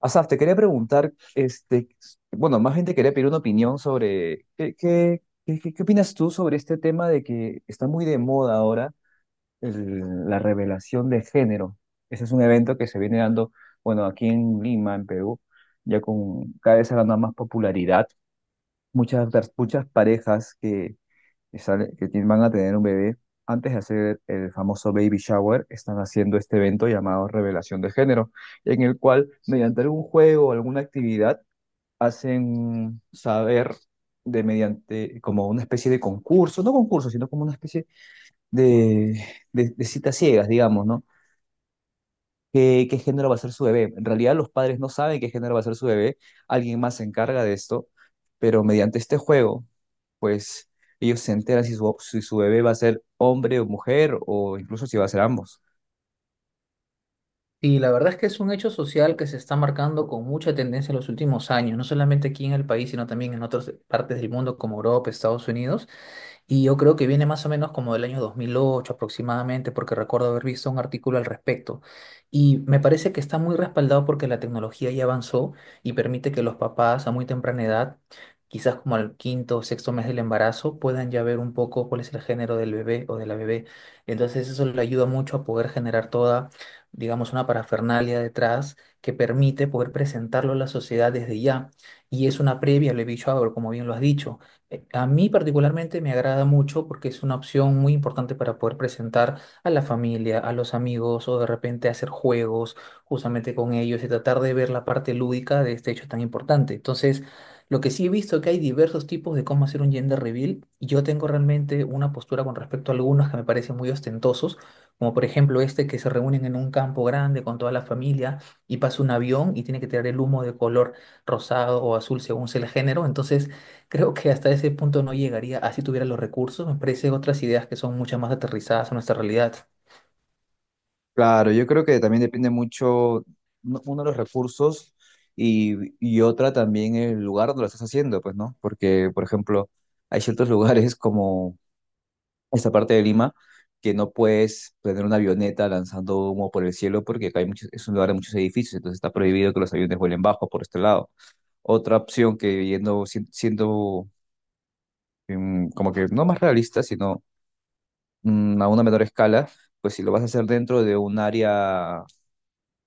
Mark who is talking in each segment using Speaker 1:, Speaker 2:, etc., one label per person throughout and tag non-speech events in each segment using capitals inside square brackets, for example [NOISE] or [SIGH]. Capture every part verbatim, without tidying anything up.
Speaker 1: Asaf, te quería preguntar, este, bueno, más bien te quería pedir una opinión sobre qué, qué, qué, qué- qué opinas tú sobre este tema de que está muy de moda ahora el- la revelación de género. Ese es un evento que se viene dando, bueno, aquí en Lima, en Perú, ya con cada vez ha ganado más popularidad. Muchas, muchas parejas que que, sale- que ti- van a tener un bebé, antes de hacer el famoso baby shower, están haciendo este evento llamado Revelación de Género, en el cual mediante algún juego o alguna actividad hacen saber de mediante como una especie de concurso, no concurso, sino como una especie de, de, de citas ciegas, digamos, ¿no? qué, qué género va a ser su bebé. En realidad los padres no saben qué género va a ser su bebé, alguien más se encarga de esto, pero mediante este juego, pues ellos se enteran si su, si su bebé va a ser hombre o mujer o incluso si va a ser ambos.
Speaker 2: Y la verdad es que es un hecho social que se está marcando con mucha tendencia en los últimos años, no solamente aquí en el país, sino también en otras partes del mundo como Europa, Estados Unidos. Y yo creo que viene más o menos como del año dos mil ocho aproximadamente, porque recuerdo haber visto un artículo al respecto. Y me parece que está muy respaldado porque la tecnología ya avanzó y permite que los papás a muy temprana edad, quizás como al quinto o sexto mes del embarazo, puedan ya ver un poco cuál es el género del bebé o de la bebé. Entonces eso le ayuda mucho a poder generar toda, digamos, una parafernalia detrás que permite poder presentarlo a la sociedad desde ya. Y es una previa, lo he dicho ahora, como bien lo has dicho eh, A mí particularmente me agrada mucho porque es una opción muy importante para poder presentar a la familia, a los amigos o de repente hacer juegos justamente con ellos y tratar de ver la parte lúdica de este hecho tan importante. Entonces, lo que sí he visto es que hay diversos tipos de cómo hacer un gender reveal, y yo tengo realmente una postura con respecto a algunos que me parecen muy ostentosos, como por ejemplo este que se reúnen en un campo grande con toda la familia y pasa un avión y tiene que tirar el humo de color rosado o azul según sea el género. Entonces, creo que hasta ese punto no llegaría así tuviera los recursos. Me parece otras ideas que son mucho más aterrizadas a nuestra realidad.
Speaker 1: Claro, yo creo que también depende mucho uno uno de los recursos y, y otra también el lugar donde lo estás haciendo, pues, ¿no? Porque, por ejemplo, hay ciertos [LAUGHS] lugares como esta parte de Lima que no puedes tener una avioneta lanzando humo por el cielo porque acá hay muchos- es un lugar de muchos edificios, entonces está prohibido que los aviones vuelen bajo por este lado. Otra opción que yendo, si- siendo em, como que no más realista, sino mm, a una menor escala, pues si lo vas a hacer dentro de un área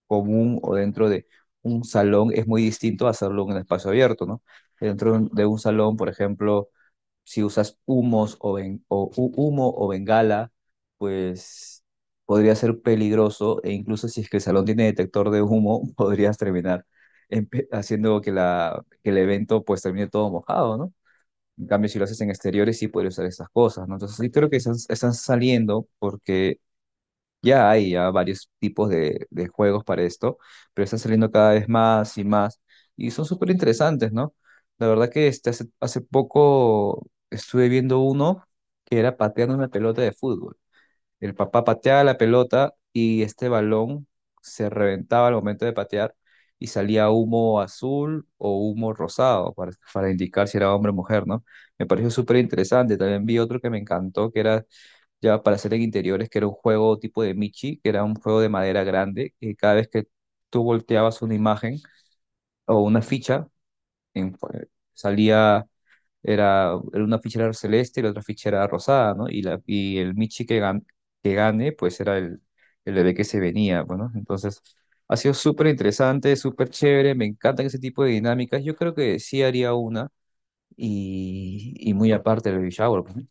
Speaker 1: común o dentro de un salón, es muy distinto a hacerlo en un espacio abierto, ¿no? Dentro de un de un salón, por ejemplo, si usas humos o, ben- o hu- humo o bengala, pues podría ser peligroso e incluso si es que el salón tiene detector de humo, [LAUGHS] podrías terminar empe- haciendo que, la, que el evento pues termine todo mojado, ¿no? En cambio, si lo haces en exteriores, sí podría usar estas cosas, ¿no? Entonces, sí creo que están, están saliendo porque ya hay ya varios tipos de, de juegos para esto, pero están saliendo cada vez más y más y son súper interesantes, ¿no? La verdad que este, hace, hace poco estuve viendo uno que era pateando una pelota de fútbol. El papá pateaba la pelota y este balón se reventaba al momento de patear y salía humo azul o humo rosado para, para indicar si era hombre o mujer, ¿no? Me pareció súper interesante. También vi otro que me encantó, que era ya para hacer en interiores, que era un juego tipo de Michi, que era un juego de madera grande, que cada vez que tú volteabas una imagen o una ficha, en- salía, era, era una ficha era celeste y la otra ficha era rosada, ¿no? Y, la, y el Michi que, gan- que gane, pues era el, el bebé que se venía, bueno, entonces... Ha sido súper interesante, súper chévere, me encantan ese tipo de dinámicas. Yo creo que sí haría una y, y muy aparte del baby shower. pues, ¿no?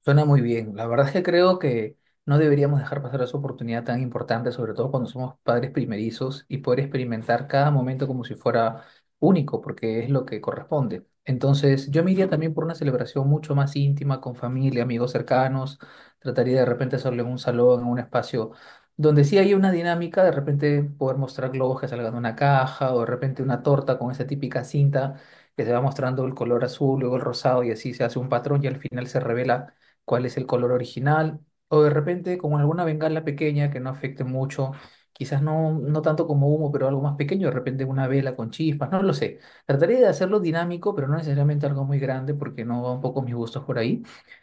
Speaker 2: Suena muy bien. La verdad es que creo que no deberíamos dejar pasar esa oportunidad tan importante, sobre todo cuando somos padres primerizos y poder experimentar cada momento como si fuera único, porque es lo que corresponde. Entonces, yo me iría también por una celebración mucho más íntima, con familia, amigos cercanos. Trataría de repente hacerlo en un salón, en un espacio donde sí hay una dinámica, de repente poder mostrar globos que salgan de una caja o de repente una torta con esa típica cinta que se va mostrando el color azul, luego el rosado y así se hace un patrón y al final se revela cuál es el color original, o de repente con alguna bengala pequeña que no afecte mucho, quizás no, no tanto como humo, pero algo más pequeño, de repente una vela con chispas, no lo sé. Trataría de hacerlo dinámico, pero no necesariamente algo muy grande porque no va un poco mis gustos por ahí.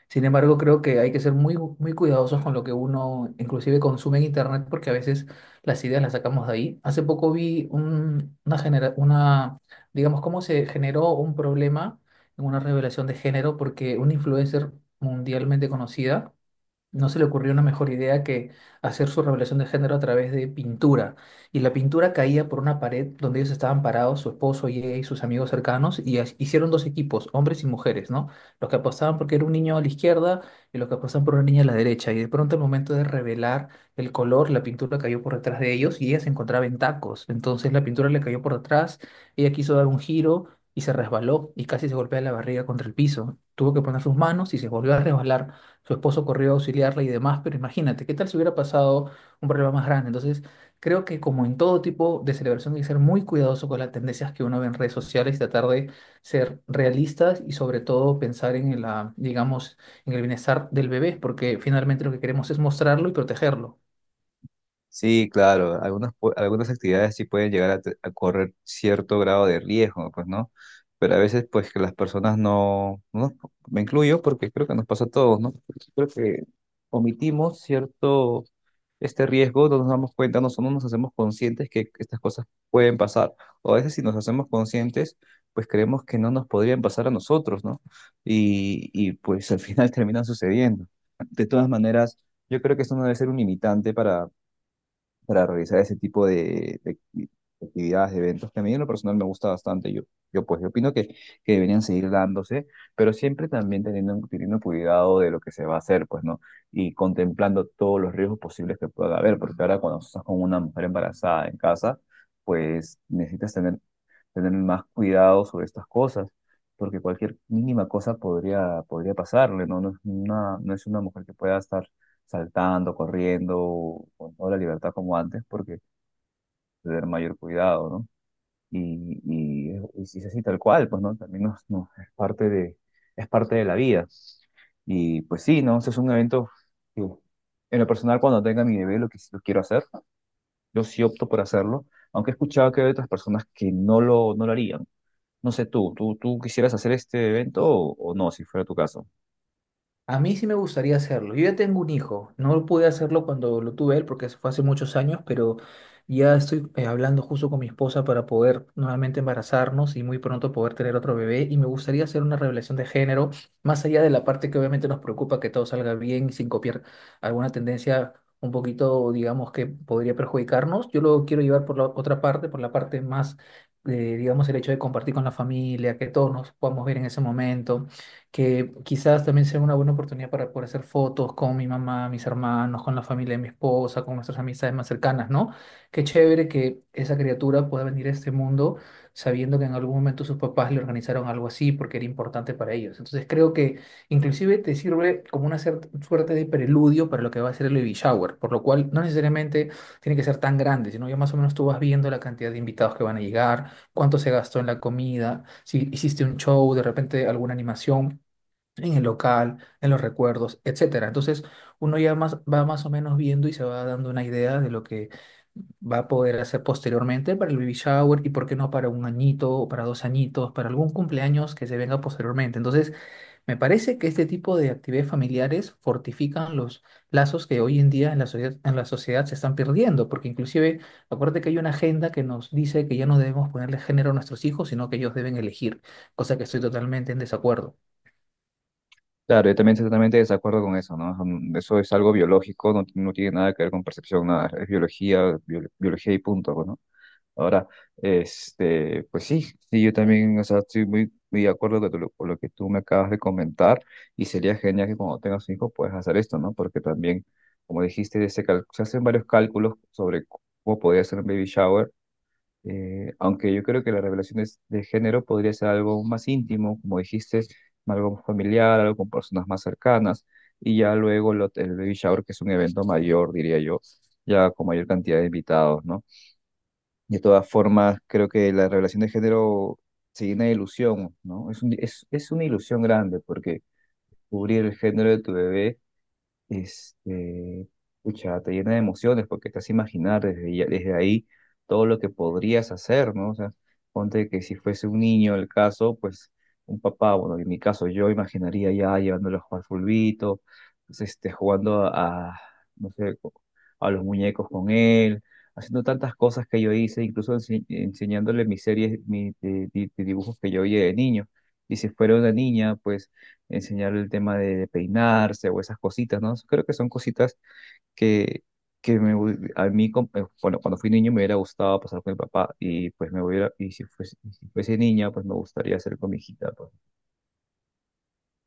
Speaker 2: Sin embargo, creo que hay que ser muy, muy cuidadosos con lo que uno inclusive consume en internet porque a veces las ideas las sacamos de ahí. Hace poco vi un- una, genera- una, digamos, cómo se generó un problema en una revelación de género porque una influencer mundialmente conocida no se le ocurrió una mejor idea que hacer su revelación de género a través de pintura. Y la pintura caía por una pared donde ellos estaban parados, su esposo y ella y sus amigos cercanos, y as- hicieron dos equipos, hombres y mujeres, ¿no? Los que apostaban porque era un niño a la izquierda y los que apostaban por una niña a la derecha. Y de pronto, al momento de revelar el color, la pintura cayó por detrás de ellos y ella se encontraba en tacos. Entonces la pintura le cayó por detrás, ella quiso dar un giro y se resbaló y casi se golpea la barriga contra el piso. Tuvo que poner sus manos y se volvió a resbalar, su esposo corrió a auxiliarla y demás, pero imagínate, ¿qué tal si hubiera pasado un problema más grande? Entonces, creo que como en todo tipo de celebración hay que ser muy cuidadoso con las tendencias que uno ve en redes sociales, tratar de ser realistas y sobre todo pensar en la, digamos, en el bienestar del bebé, porque finalmente lo que queremos es mostrarlo y protegerlo.
Speaker 1: Sí, claro, algunas, pu- algunas actividades sí pueden llegar a, te- a correr cierto grado de riesgo, pues, ¿no? Pero a veces, pues, que las personas no, no, me incluyo porque creo que nos pasa a todos, ¿no? Creo que omitimos cierto, este riesgo, no nos damos cuenta, no, no nos hacemos conscientes que estas cosas pueden pasar. O a veces si nos hacemos conscientes, pues creemos que no nos podrían pasar a nosotros, ¿no? Y, y pues al final [LAUGHS] terminan sucediendo. De todas maneras, yo creo que esto no debe ser un limitante para realizar ese tipo de, de acti- actividades, de eventos, que a mí en lo personal me gusta bastante. Yo, yo pues, yo opino que, que deberían seguir dándose, pero siempre también teniendo, teniendo cuidado de lo que se va a hacer, pues, ¿no? Y contemplando todos los riesgos posibles que pueda haber, porque ahora cuando estás con una mujer embarazada en casa, pues necesitas tener, tener más cuidado sobre estas cosas. Porque cualquier mínima cosa podría, podría pasarle, ¿no? No es una, no es una mujer que pueda estar saltando, corriendo, con toda la libertad como antes, porque tener mayor cuidado, ¿no? Y, y, y si es así tal cual, pues, ¿no? También nos, nos- es parte de, es parte de la vida. Y pues sí, ¿no? Ese es un evento que, en lo personal, cuando tenga mi bebé, lo que sí lo quiero hacer, yo sí opto por hacerlo, aunque he escuchado que hay otras personas que no lo, no lo harían. No sé tú, ¿tú, tú quisieras hacer este evento o, o no, si fuera tu caso?
Speaker 2: A mí sí me gustaría hacerlo. Yo ya tengo un hijo. No pude hacerlo cuando lo tuve él porque eso fue hace muchos años, pero ya estoy eh, hablando justo con mi esposa para poder nuevamente embarazarnos y muy pronto poder tener otro bebé. Y me gustaría hacer una revelación de género, más allá de la parte que obviamente nos preocupa que todo salga bien y sin copiar alguna tendencia un poquito, digamos, que podría perjudicarnos. Yo lo quiero llevar por la otra parte, por la parte más, eh, digamos, el hecho de compartir con la familia, que todos nos podamos ver en ese momento que quizás también sea una buena oportunidad para poder hacer fotos con mi mamá, mis hermanos, con la familia de mi esposa, con nuestras amistades más cercanas, ¿no? Qué chévere que esa criatura pueda venir a este mundo sabiendo que en algún momento sus papás le organizaron algo así porque era importante para ellos. Entonces creo que inclusive te sirve como una cer- suerte de preludio para lo que va a ser el baby shower, por lo cual no necesariamente tiene que ser tan grande, sino ya más o menos tú vas viendo la cantidad de invitados que van a llegar, cuánto se gastó en la comida, si hiciste un show, de repente alguna animación en el local, en los recuerdos, etcétera. Entonces, uno ya más, va más o menos viendo y se va dando una idea de lo que va a poder hacer posteriormente para el baby shower y por qué no para un añito o para dos añitos, para algún cumpleaños que se venga posteriormente. Entonces, me parece que este tipo de actividades familiares fortifican los lazos que hoy en día en la sociedad, en la sociedad se están perdiendo, porque inclusive, acuérdate que hay una agenda que nos dice que ya no debemos ponerle género a nuestros hijos, sino que ellos deben elegir, cosa que estoy totalmente en desacuerdo.
Speaker 1: Claro, yo también estoy totalmente de desacuerdo con eso, ¿no? Mm, Eso es algo biológico, no, no tiene nada que ver con percepción, nada, es biología, bio- biología y punto, pues, ¿no? Ahora, este, pues sí, sí, yo también, o sea, estoy muy, muy de acuerdo con lo, con lo que tú me acabas de comentar y sería genial que cuando tengas un hijo puedas hacer esto, ¿no? Porque también, como dijiste, se, cal- se hacen varios cálculos sobre cómo podría ser un baby shower eh, aunque yo creo que la revelación de, de género podría ser algo más íntimo, como dijiste, algo más familiar, algo con personas más cercanas, y ya luego lo- el baby shower, que es un evento mayor, diría yo, ya con mayor cantidad de invitados, ¿no? De todas formas, creo que la revelación de género se llena de ilusión, ¿no? Es un- es, es una ilusión grande, porque cubrir el género de tu bebé este, pucha, te llena de emociones porque te hace imaginar desde, ya- desde ahí todo lo que podrías hacer, ¿no? O sea, ponte que si fuese un niño el caso, pues un papá, bueno, en mi caso yo imaginaría ya llevándolo a jugar fulbito, pues, este, jugando a, no sé, co- a los muñecos con él, haciendo tantas cosas que yo hice, incluso ense- enseñándole mis series, mis de- de- de dibujos que yo oía de niño. Y si fuera una niña, pues enseñarle el tema de peinarse o esas cositas, ¿no? Creo que son cositas que, que me, hu- a mí, como- eh, bueno, cuando fui niño me hubiera gustado pasar con mi papá y pues me hubiera, y si fuese, y si fuese niña, pues me gustaría hacer con mi hijita,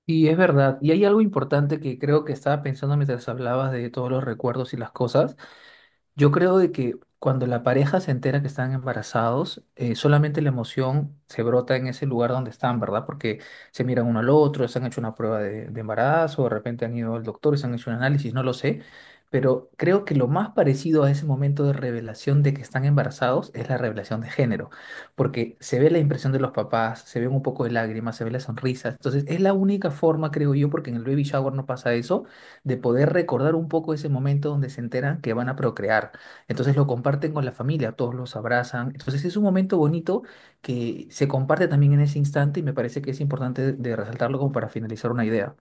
Speaker 2: Y es verdad, y hay algo importante que creo que estaba pensando mientras hablabas de todos los recuerdos y las cosas, yo creo de que cuando la pareja se entera que están embarazados, eh, solamente la emoción se brota en ese lugar donde están, ¿verdad? Porque se miran uno al otro, se han hecho una prueba de, de embarazo, de repente han ido al doctor y se han hecho un análisis, no lo sé. Pero creo que lo más parecido a ese momento de revelación de que están embarazados es la revelación de género, porque se ve la impresión de los papás, se ven un poco de lágrimas, se ve la sonrisa. Entonces es la única forma, creo yo, porque en el baby shower no pasa eso de poder recordar un poco ese momento donde se enteran que van a procrear. Entonces lo comparten con la familia, todos los abrazan. Entonces es un momento bonito que se comparte también en ese instante y me parece que es importante de resaltarlo como para finalizar una idea.